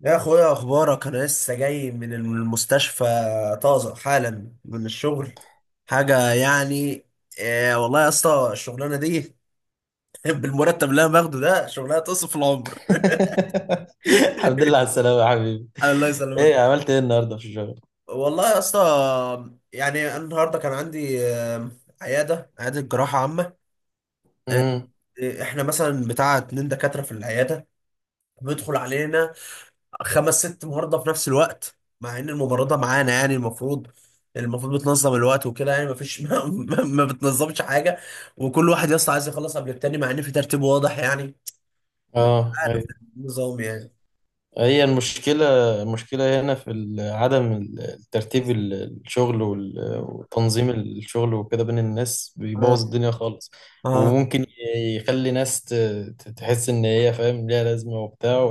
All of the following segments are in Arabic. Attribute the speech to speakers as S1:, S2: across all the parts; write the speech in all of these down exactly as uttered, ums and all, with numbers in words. S1: يا اخويا اخبارك؟ انا لسه جاي من المستشفى، طازه حالا من الشغل. حاجه يعني، إيه والله يا اسطى الشغلانه دي بالمرتب اللي انا باخده ده شغلانه تصف العمر.
S2: الحمد لله على السلامة يا حبيبي.
S1: الله يسلمك.
S2: ايه عملت ايه النهارده في الشغل؟
S1: والله يا اسطى، يعني أنا النهارده كان عندي آه، عياده عياده جراحه عامه.
S2: امم
S1: آه، احنا مثلا بتاع اتنين دكاتره في العياده، بيدخل علينا خمس ست مهارضه في نفس الوقت، مع ان المباراه ده معانا، يعني المفروض المفروض بتنظم الوقت وكده، يعني مفيش. ما, ما, ما بتنظمش حاجه، وكل واحد يا اسطى عايز يخلص قبل التاني، مع ان في ترتيب واضح يعني. مش
S2: اه ايوه.
S1: عارف النظام يعني.
S2: هي المشكلة، المشكلة هنا في ال- عدم ال- الترتيب ال- الشغل وال- وتنظيم الشغل وكده بين الناس
S1: اه،
S2: بيبوظ الدنيا خالص.
S1: اه.
S2: وممكن يخلي ناس ت- ت- تحس ان هي فاهم ليها لازمة وبتاع.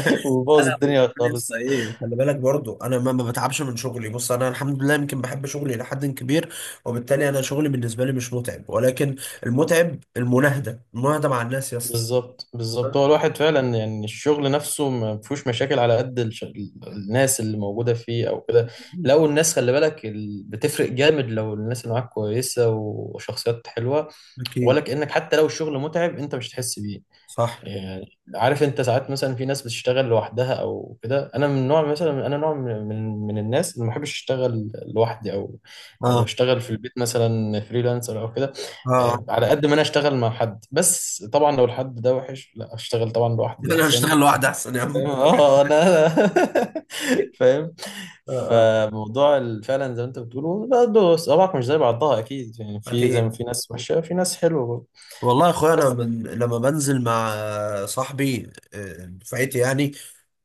S2: وبوظ
S1: انا
S2: الدنيا
S1: وكمان يا اسطى،
S2: خالص.
S1: ايه، خلي بالك برضو انا ما ما بتعبش من شغلي، بص انا الحمد لله يمكن بحب شغلي الى حد كبير، وبالتالي انا شغلي بالنسبه لي مش متعب، ولكن المتعب المناهده المناهده مع الناس يا اسطى.
S2: بالظبط بالظبط، هو الواحد فعلا يعني الشغل نفسه ما فيهوش مشاكل على قد الش... الناس اللي موجودة فيه او كده. لو الناس خلي بالك ال... بتفرق جامد لو الناس اللي معاك كويسة وشخصيات حلوة، ولا
S1: أكيد،
S2: كأنك حتى لو الشغل متعب انت مش هتحس بيه.
S1: صح،
S2: يعني عارف انت ساعات مثلا في ناس بتشتغل لوحدها او كده، انا من نوع مثلا، انا نوع من من من الناس اللي ما بحبش اشتغل لوحدي او او
S1: اه،
S2: اشتغل في البيت مثلا فريلانسر او كده.
S1: اه.
S2: آه، على قد ما انا اشتغل مع حد، بس طبعا لو الحد ده وحش لا اشتغل طبعا لوحدي
S1: انا
S2: احسن.
S1: اشتغل لوحدي احسن يا
S2: فاهم؟
S1: عم.
S2: اه انا فاهم.
S1: اه، اه،
S2: فموضوع ال- فعلا زي ما انت بتقوله برضه صوابعك مش زي بعضها اكيد، يعني في زي ما
S1: اكيد.
S2: في ناس وحشه في ناس حلوه برضه.
S1: والله يا اخويا انا
S2: بس.
S1: من لما بنزل مع صاحبي آه، دفعتي يعني،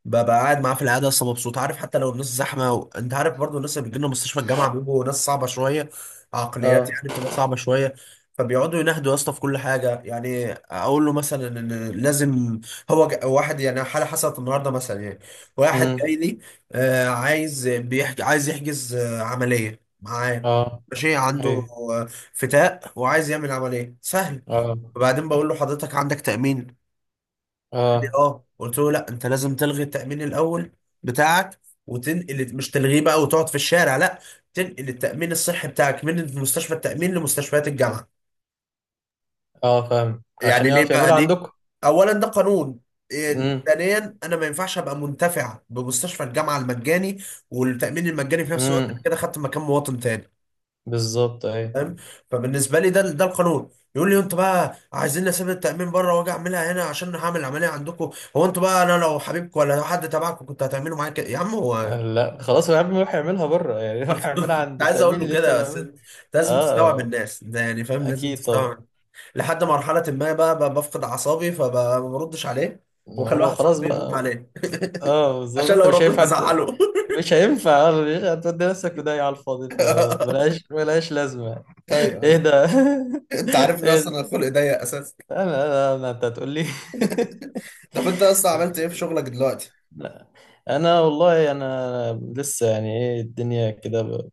S1: ببقى قاعد معاه في العياده اصلا مبسوط. عارف، حتى لو الناس زحمه و... انت عارف برضو الناس اللي بتجيلنا مستشفى الجامعه بيبقوا ناس صعبه شويه. عقليات
S2: اه.
S1: يعني بتبقى صعبه شويه، فبيقعدوا ينهدوا يا اسطى في كل حاجه. يعني اقول له مثلا ان لازم، هو ج... واحد يعني حاله حصلت النهارده مثلا يعني، واحد جاي
S2: امم.
S1: لي آه، عايز بيحج... عايز يحجز آه، عمليه معاه،
S2: اه
S1: ماشي، عنده
S2: ايوه.
S1: آه، فتاء وعايز يعمل عمليه سهل.
S2: اه
S1: وبعدين بقول له حضرتك عندك تأمين؟ قال لي
S2: اه
S1: اه. قلت له لا، انت لازم تلغي التأمين الأول بتاعك وتنقل، مش تلغيه بقى وتقعد في الشارع لا، تنقل التأمين الصحي بتاعك من مستشفى التأمين لمستشفيات الجامعة.
S2: اه. فاهم،
S1: يعني
S2: عشان
S1: ليه
S2: يعرف
S1: بقى؟
S2: يعملوا
S1: ليه؟
S2: عندكم.
S1: أولا ده قانون، إيه،
S2: امم.
S1: ثانيا انا ما ينفعش ابقى منتفع بمستشفى الجامعه المجاني والتامين المجاني في نفس الوقت، انا
S2: امم.
S1: كده خدت مكان مواطن تاني.
S2: بالظبط ايوه.
S1: فاهم؟ فبالنسبه لي ده ده القانون. يقول لي انتوا بقى عايزين اسيب التامين بره واجي اعملها هنا عشان هعمل عمليه عندكم؟ هو انتوا بقى انا لو حبيبكم ولا لو حد تبعكم كنت هتعملوا معايا كده يا عم هو؟
S2: لا خلاص يا عم يروح يعملها بره. يعني يروح يعملها
S1: كنت
S2: عند
S1: عايز اقول
S2: التأمين
S1: له
S2: اللي انت
S1: كده، بس
S2: بتعمله.
S1: انت لازم تستوعب
S2: اه
S1: الناس ده يعني، فاهم، لازم
S2: اكيد طبعا.
S1: تستوعب. لحد مرحله ما بقى, بقى بفقد اعصابي فما بردش عليه،
S2: ما
S1: واخلي
S2: هو
S1: واحد
S2: خلاص
S1: صاحبي يرد
S2: بقى.
S1: عليه.
S2: اه بالظبط،
S1: عشان
S2: انت
S1: لو
S2: مش
S1: رديت
S2: هينفع ت-
S1: هزعله.
S2: مش هينفع. آه، مش هتودي نفسك في داهية على الفاضي، فملهاش ملهاش لازمة.
S1: ايوه،
S2: ايه
S1: ايوه.
S2: ده؟
S1: انت عارف ان
S2: ايه
S1: اصلا
S2: ده؟
S1: الخلق ضيق اساسا.
S2: انا انا أنا- انت هتقول لي.
S1: طب انت اصلا عملت ايه في شغلك دلوقتي؟
S2: لا انا والله، انا لسه يعني ايه الدنيا كده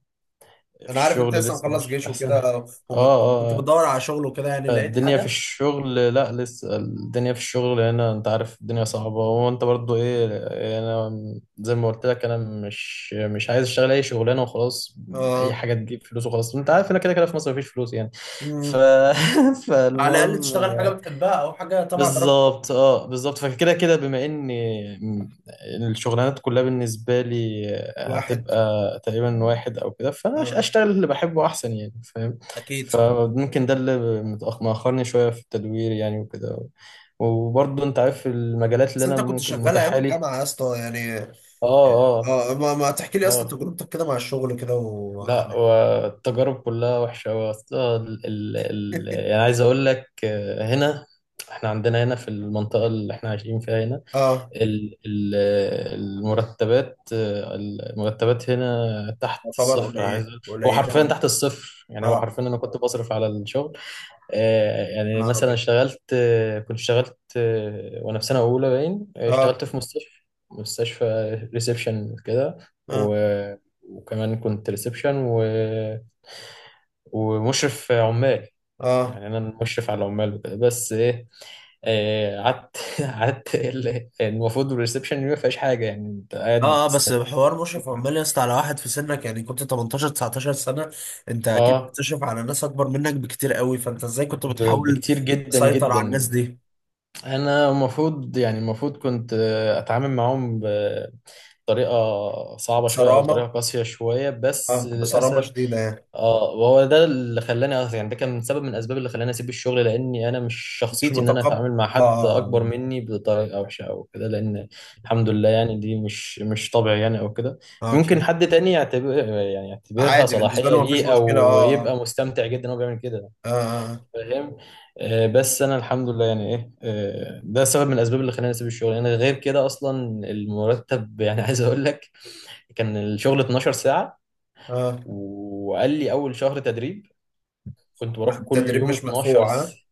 S2: في
S1: انا عارف انت
S2: الشغل
S1: لسه
S2: لسه
S1: مخلص
S2: مش
S1: جيش
S2: احسن حاجة.
S1: وكده،
S2: اه.
S1: وكنت
S2: اه. آه.
S1: بتدور على شغل وكده، يعني لقيت
S2: الدنيا في
S1: حاجه؟
S2: الشغل، لا لسه الدنيا في الشغل هنا، انت عارف الدنيا صعبة، وانت برضو ايه، يعني انا زي ما قلت لك، انا مش مش عايز اشتغل اي شغلانة وخلاص. اي
S1: اه.
S2: حاجة تجيب فلوس وخلاص، انت عارف هنا كده كده في مصر مفيش فلوس يعني. ف...
S1: مم. على الاقل
S2: فالمهم.
S1: تشتغل حاجه بتحبها او حاجه تبع دراستك.
S2: بالظبط اه بالظبط. فكده كده بما ان الشغلانات كلها بالنسبه لي
S1: واحد.
S2: هتبقى تقريبا واحد او كده، فانا أش-
S1: آه.
S2: اشتغل اللي بحبه احسن يعني، فاهم.
S1: اكيد، صح.
S2: فممكن ده اللي متأخ- مأخرني شويه في التدوير يعني وكده، وبرضه انت عارف المجالات اللي
S1: بس
S2: انا
S1: انت كنت
S2: ممكن
S1: شغال ايام
S2: متاحه لي.
S1: الجامعه يا اسطى يعني؟
S2: اه. اه.
S1: اه، ما, ما تحكي لي يا اسطى
S2: اه.
S1: تجربتك كده مع الشغل كده و.
S2: لا والتجارب كلها وحشه أوي. أصل ال ال ال يعني عايز اقول لك، آه، هنا احنا عندنا هنا في المنطقه اللي احنا عايشين فيها هنا
S1: اه.
S2: ال- ال- المرتبات، المرتبات هنا تحت
S1: تعتبر
S2: الصفر. عايز
S1: قليله
S2: أقول، هو
S1: قليله
S2: حرفيا
S1: من-.
S2: تحت الصفر، يعني هو
S1: اه،
S2: حرفيا انا كنت بصرف على الشغل. آه، يعني
S1: نهار
S2: مثلا
S1: ابيض،
S2: اشتغلت، آه، كنت اشتغلت، آه، وانا في سنه اولى باين، آه،
S1: اه،
S2: اشتغلت في مستشفى، مستشفى ريسبشن كده،
S1: اه،
S2: و وكمان كنت ريسبشن ومشرف عمال.
S1: اه،
S2: يعني انا المشرف على العمال وكده، بس ايه، آه، قعدت قعدت ال- المفروض الريسبشن ما فيهاش حاجه يعني، انت قاعد
S1: اه، اه. بس
S2: بتستنى.
S1: حوار مشرف
S2: شكرا.
S1: عمال يا اسطى على واحد في سنك، يعني كنت تمنتاشر لتسعتاشر سنة، انت اكيد
S2: اه
S1: بتشرف على ناس اكبر منك بكتير قوي، فانت ازاي كنت
S2: ب-
S1: بتحاول
S2: بكتير جدا
S1: تسيطر على الناس
S2: جدا.
S1: دي؟
S2: انا المفروض يعني، المفروض كنت آه، اتعامل معاهم طريقة صعبة شوية أو
S1: بصرامة،
S2: طريقة قاسية شوية،
S1: اه،
S2: بس
S1: بصرامة
S2: للأسف.
S1: شديدة يعني.
S2: اه وهو ده اللي خلاني أصلاً، يعني ده كان سبب من الأسباب اللي خلاني أسيب الشغل، لأني أنا مش
S1: مش
S2: شخصيتي إن أنا
S1: متقبل،
S2: أتعامل مع حد
S1: اه،
S2: أكبر
S1: اه،
S2: مني بطريقة وحشة أو كده، لأن الحمد لله يعني دي مش مش طبعي يعني أو كده.
S1: اه، اه،
S2: ممكن
S1: اكيد.
S2: حد تاني يعتبر، يعني يعتبرها
S1: عادي بالنسبة
S2: صلاحية
S1: له مفيش
S2: ليه
S1: مشكلة،
S2: أو
S1: اه،
S2: يبقى مستمتع جدا وهو بيعمل كده.
S1: اه، اه.
S2: فاهم. آه، بس أنا الحمد لله يعني إيه، آه، ده سبب من الأسباب اللي خلاني أسيب الشغل. أنا غير كده أصلا، المرتب يعني. عايز أقول لك، كان الشغل اتناشر ساعة.
S1: آه.
S2: وقال لي أول شهر تدريب، كنت بروح
S1: مش-
S2: كل
S1: التدريب
S2: يوم
S1: مش
S2: 12
S1: مدفوع؟ اه،
S2: س...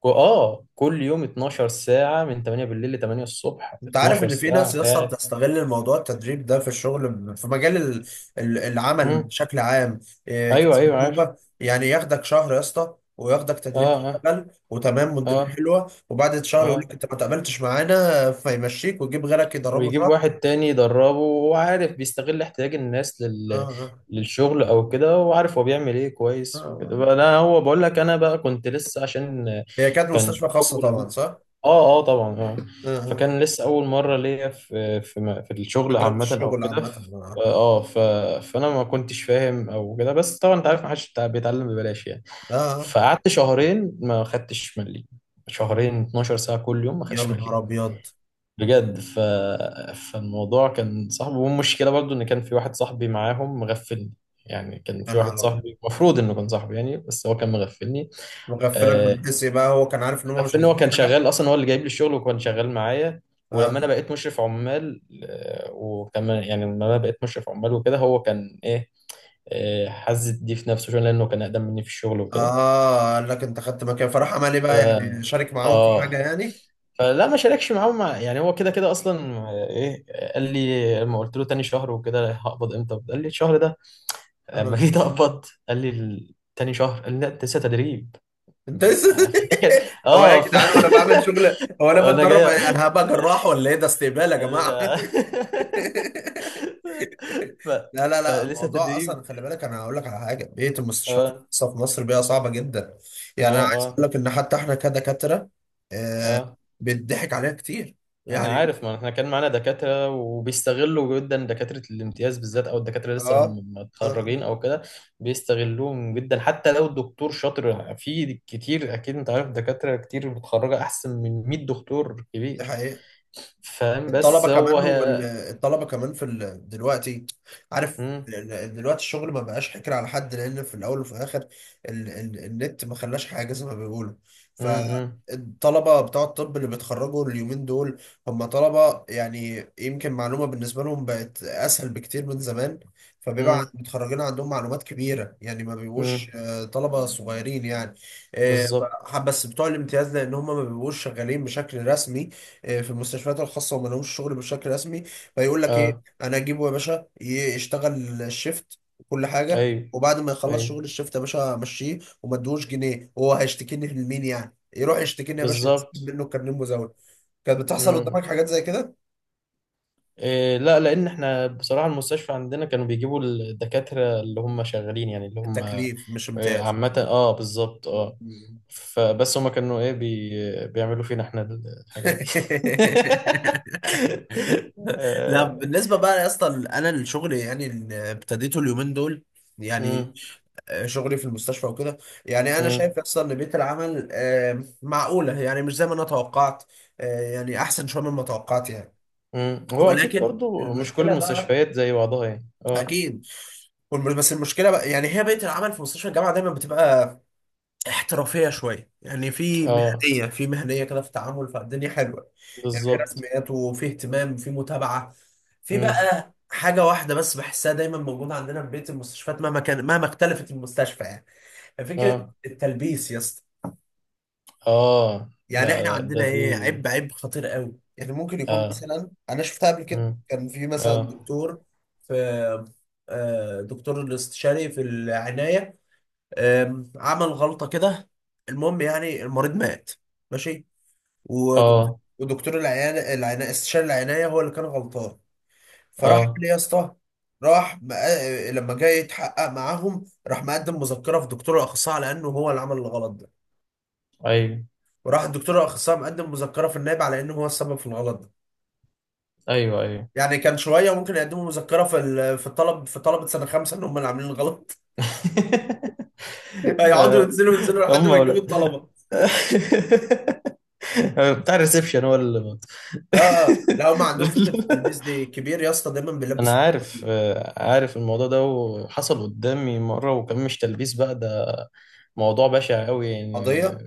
S2: كو- آه كل يوم اتناشر ساعة من تمانية بالليل ل تمانية الصبح،
S1: انت عارف
S2: اتناشر
S1: ان في ناس
S2: ساعة
S1: لسه
S2: قاعد.
S1: بتستغل الموضوع التدريب ده في الشغل، في مجال ال- ال- العمل
S2: مم.
S1: بشكل عام. إيه،
S2: أيوه أيوه عارف.
S1: كسبوبه يعني، ياخدك شهر يا اسطى وياخدك تدريب،
S2: آه. آه.
S1: تشتغل وتمام والدنيا
S2: آه.
S1: حلوه، وبعد شهر يقول لك
S2: آه.
S1: انت ما تقبلتش معانا، فيمشيك ويجيب غيرك يدربه
S2: ويجيب
S1: شهر.
S2: واحد تاني يدربه، وهو عارف بيستغل احتياج الناس لل...
S1: آه، آه،
S2: للشغل أو كده، وعارف هو بيعمل إيه
S1: آه.
S2: كويس
S1: آه.
S2: وكده بقى. لا هو بقول لك أنا بقى كنت لسه عشان
S1: هي كانت مستشفى
S2: كان
S1: خاصه
S2: أول.
S1: طبعا صح؟
S2: اه اه طبعا اه.
S1: آه، آه.
S2: فكان
S1: آه.
S2: لسه اول مره ليا في في م- في الشغل
S1: تجربه
S2: عامه او
S1: الشغل
S2: كده.
S1: عامه.
S2: ف-
S1: آه،
S2: اه ف، فانا ما كنتش فاهم او كده، بس طبعا انت عارف ما حدش بتاع- بيتعلم ببلاش يعني.
S1: آه. آه، آه.
S2: فقعدت شهرين ما خدتش مليم، شهرين اتناشر ساعه كل يوم ما
S1: يا
S2: خدتش
S1: نهار
S2: مليم
S1: ابيض.
S2: بجد. ف... فالموضوع كان صعب، والمشكله برضو ان كان في واحد صاحبي معاهم مغفلني. يعني كان
S1: يا
S2: في واحد
S1: نهار ابيض،
S2: صاحبي المفروض انه كان صاحبي يعني، بس هو كان مغفلني.
S1: مغفلك
S2: آه،
S1: من حسي بقى. هو كان عارف ان هم مش
S2: في ان هو
S1: هيجيبوا
S2: كان
S1: حاجه.
S2: شغال اصلا، هو اللي جايب لي الشغل وكان شغال معايا. ولما
S1: آه.
S2: انا بقيت مشرف عمال، آه، وكان يعني لما انا بقيت مشرف عمال وكده هو كان ايه، آه، حز دي في نفسه شويه لانه كان اقدم مني في الشغل وكده.
S1: اه، قال لك انت خدت مكان؟ فراح عمل ايه
S2: ف
S1: بقى، يعني شارك معاهم في حاجه
S2: اه،
S1: يعني؟
S2: فلا ما شاركش معاه، مع يعني هو كده كده اصلا. آه، ايه آه، قال لي لما قلت له تاني شهر وكده هقبض امتى، قال لي الشهر ده. اما
S1: اه،
S2: جيت اقبض قال لي ال- تاني شهر، قال لي لا انت لسه تدريب.
S1: انت لسه.
S2: آه، فدي كانت
S1: هو إيه يا
S2: اه ف...
S1: جدعان؟ وانا بعمل شغل، هو انا
S2: انا
S1: بتدرب إيه؟
S2: جاي
S1: انا هبقى جراح ولا ايه، ده استقبال يا
S2: ال-
S1: جماعه.
S2: ف...
S1: لا لا لا،
S2: فلسه
S1: الموضوع
S2: تدريب.
S1: اصلا خلي بالك، انا هقول لك على حاجه، بيئه المستشفيات
S2: اه.
S1: الخاصه في مصر بيئه صعبه جدا. يعني انا
S2: اه.
S1: عايز
S2: اه.
S1: اقول لك ان حتى احنا كدكاتره آه
S2: اه.
S1: بيتضحك علينا كتير
S2: انا
S1: يعني.
S2: عارف، ما احنا كان معانا دكاتره، وبيستغلوا جدا دكاتره الامتياز بالذات، او الدكاتره لسه
S1: اه،
S2: م-
S1: اه،
S2: متخرجين او كده. بيستغلوهم جدا، حتى لو الدكتور شاطر في كتير، اكيد انت عارف دكاتره كتير متخرجه احسن من مئة دكتور
S1: دي
S2: كبير.
S1: حقيقه.
S2: فاهم؟
S1: الطلبه
S2: بس هو
S1: كمان،
S2: هي.
S1: والطلبه كمان في ال... دلوقتي. عارف
S2: مم.
S1: ال- ال- دلوقتي الشغل ما بقاش حكر على حد، لان في الاول وفي الاخر ال... ال... النت ما خلاش حاجه زي ما بيقولوا.
S2: مم.
S1: فالطلبه بتوع الطب اللي بيتخرجوا اليومين دول، هم طلبه يعني يمكن معلومه بالنسبه لهم بقت اسهل بكتير من زمان، فبيبقى عن-
S2: مم.
S1: متخرجين عندهم معلومات كبيره، يعني ما بيبقوش
S2: مم.
S1: آه، طلبه صغيرين يعني. آه،
S2: بالظبط.
S1: ف- بس بتوع الامتياز، لان هم ما بيبقوش شغالين بشكل رسمي آه، في المستشفيات الخاصه، وما لهمش شغل بشكل رسمي، فيقول لك ايه،
S2: اه
S1: انا اجيبه يا باشا ي- يشتغل الشيفت وكل حاجه،
S2: ايوه
S1: وبعد ما يخلص
S2: ايوه
S1: شغل الشيفت يا باشا امشيه وما ادوش جنيه، وهو هيشتكيني لمين يعني؟ يروح يشتكيني يا باشا يتسحب
S2: بالظبط.
S1: منه كارنيه مزاول. كانت بتحصل قدامك حاجات زي كده؟
S2: إيه لا، لان احنا بصراحه المستشفى عندنا كانوا بيجيبوا الدكاتره اللي هم شغالين يعني اللي هم
S1: التكليف مش
S2: إيه
S1: امتياز.
S2: عامه، اه بالظبط اه. فبس هم كانوا ايه بي بيعملوا فينا احنا الحاجات دي.
S1: لا،
S2: آه،
S1: بالنسبة بقى يا اسطى، انا الشغل يعني اللي ابتديته اليومين دول، يعني
S2: مم.
S1: آه، شغلي في المستشفى وكده، يعني انا
S2: مم.
S1: شايف اصلا ان بيئه العمل آه، معقوله، يعني مش زي ما انا توقعت، آه، يعني احسن شويه مما توقعت يعني.
S2: مم. هو اكيد
S1: ولكن
S2: برضو مش كل
S1: المشكله بقى،
S2: المستشفيات زي بعضها يعني اه.
S1: اكيد، والم- بس المشكله بقى يعني، هي بيئه العمل في مستشفى الجامعه دايما بتبقى احترافيه شويه، يعني في
S2: اه
S1: مهنيه، في مهنيه كده في التعامل، فالدنيا حلوه. يعني في
S2: بالظبط.
S1: رسميات وفي اهتمام وفي متابعه. في
S2: مم.
S1: بقى حاجه واحده بس بحسها دايما موجوده عندنا في بيئه المستشفيات، مهما كان، مهما اختلفت المستشفى يعني، فكرة
S2: اه
S1: التلبيس يا اسطى.
S2: اه لا
S1: يعني احنا
S2: لا
S1: عندنا
S2: ده دي.
S1: ايه، عيب عيب خطير قوي. يعني ممكن يكون
S2: اه.
S1: مثلا، انا شفتها قبل كده،
S2: مم.
S1: كان في مثلا
S2: اه
S1: دكتور في آه، دكتور الاستشاري في العناية، آم، عمل غلطة كده، المهم يعني المريض مات، ماشي. ودك-
S2: اه
S1: ودكتور العناية، العناية استشاري العناية هو اللي كان غلطان. فراح عمل
S2: اه
S1: ايه يا اسطى؟ راح مق- لما جاي يتحقق معاهم، راح مقدم مذكرة في دكتور الأخصائي على إنه هو اللي عمل الغلط ده،
S2: ايوه
S1: وراح الدكتور الاخصائي مقدم مذكره في النائب على انه هو السبب في الغلط ده.
S2: ايوه ايوه.
S1: يعني كان شويه ممكن يقدموا مذكره في ال- في الطلب، في طلبه سنه خمسه ان هم اللي عاملين الغلط. هيقعدوا
S2: آه،
S1: ينزلوا ينزلوا لحد
S2: هم
S1: ما يجيبوا
S2: ولا
S1: الطلبه.
S2: بتاع الريسبشن هو اللي
S1: اه، اه، لا هم عندهم فكره التلبيس دي كبير يا اسطى، دايما بيلبس
S2: انا عارف.
S1: الطلبة.
S2: آه، عارف الموضوع ده وحصل قدامي مره، وكان مش تلبيس بقى ده، موضوع بشع قوي يعني.
S1: قضيه.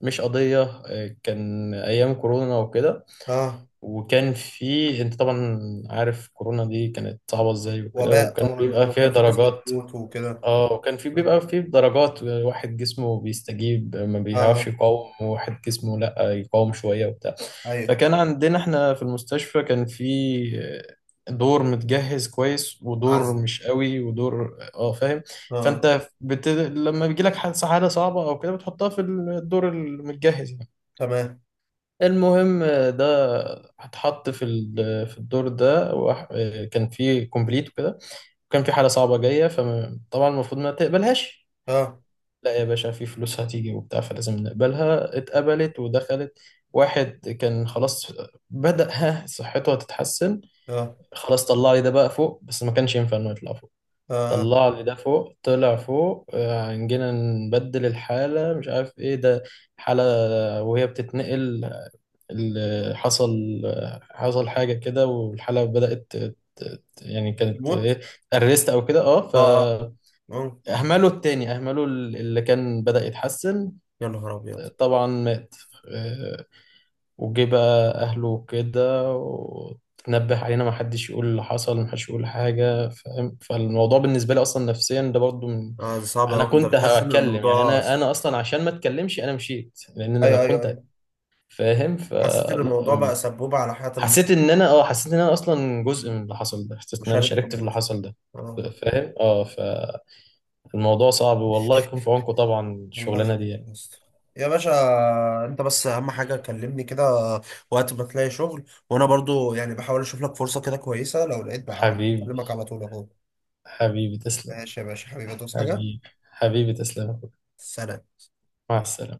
S2: مش قضيه، آه، كان ايام كورونا وكده،
S1: اه،
S2: وكان في، انت طبعا عارف كورونا دي كانت صعبه ازاي وكده،
S1: وباء
S2: وكان
S1: طبعا،
S2: بيبقى
S1: هو
S2: فيها
S1: كان في ناس
S2: درجات.
S1: بتموت وكده.
S2: اه كان في،
S1: اه،
S2: بيبقى في درجات، واحد جسمه بيستجيب ما بيعرفش
S1: اه،
S2: يقاوم، وواحد جسمه لا يقاوم شوية وبتاع.
S1: ايوه.
S2: فكان عندنا احنا في المستشفى كان في دور متجهز كويس ودور
S1: عزل،
S2: مش قوي ودور، اه فاهم.
S1: اه.
S2: فانت بت... لما بيجي لك حادثة حالة صعبة او كده بتحطها في الدور المتجهز يعني.
S1: تمام.
S2: المهم ده، هتحط في ال- في الدور ده، وح- كان في كومبليت وكده، وكان في حالة صعبة جاية. فطبعا المفروض ما تقبلهاش.
S1: اه،
S2: لا يا باشا في فلوس هتيجي وبتاع فلازم نقبلها. اتقبلت ودخلت. واحد كان خلاص بدأ ها صحته هتتحسن،
S1: اه،
S2: خلاص طلع لي ده بقى فوق، بس ما كانش ينفع انه يطلع فوق.
S1: اه.
S2: طلع لي ده فوق، طلع فوق، آه، جينا نبدل الحالة مش عارف ايه ده، حالة وهي بتتنقل، اللي حصل حصل حاجة كده، والحالة بدأت ت- ت- يعني كانت
S1: موت.
S2: ايه، ارست او كده اه. ف،
S1: اه، اه. آه.
S2: اهملوا التاني، اهملوا اللي كان بدأ يتحسن.
S1: يا نهار ابيض.
S2: طبعا مات. آه، وجه بقى أهله وكده وتنبه علينا ما حدش يقول اللي حصل، ما حدش يقول حاجة. فاهم، فالموضوع بالنسبة لي أصلا نفسيا ده برضو من،
S1: اه، دي صعبه
S2: أنا
S1: قوي، انت
S2: كنت
S1: بتحس ان
S2: هتكلم يعني،
S1: الموضوع.
S2: أنا أنا أصلا عشان ما أتكلمش أنا مشيت، لأن أنا
S1: ايوه، ايوه،
S2: كنت
S1: ايوه.
S2: فاهم.
S1: حسيت ان
S2: فلا،
S1: الموضوع بقى
S2: أم،
S1: سبوبه على حياه.
S2: حسيت إن أنا أه، حسيت إن أنا أصلا جزء من اللي حصل ده، حسيت إن أنا
S1: المشارك في
S2: شاركت في اللي
S1: الموضوع.
S2: حصل ده.
S1: آه.
S2: فاهم اه. فالموضوع صعب، والله يكون في عونكم طبعا
S1: الله
S2: الشغلانة
S1: يخليك
S2: دي يعني.
S1: يا اسطى. يا باشا، انت بس اهم حاجه كلمني كده وقت ما تلاقي شغل، وانا برضو يعني بحاول اشوف لك فرصه كده كويسه، لو لقيت بقى على طول-
S2: حبيبي،
S1: بكلمك على طول اهو.
S2: حبيبي تسلم.
S1: ماشي يا باشا، حبيبي ادوس حاجه.
S2: حبيبي، حبيبي تسلم يا أخوي.
S1: سلام.
S2: مع السلامة.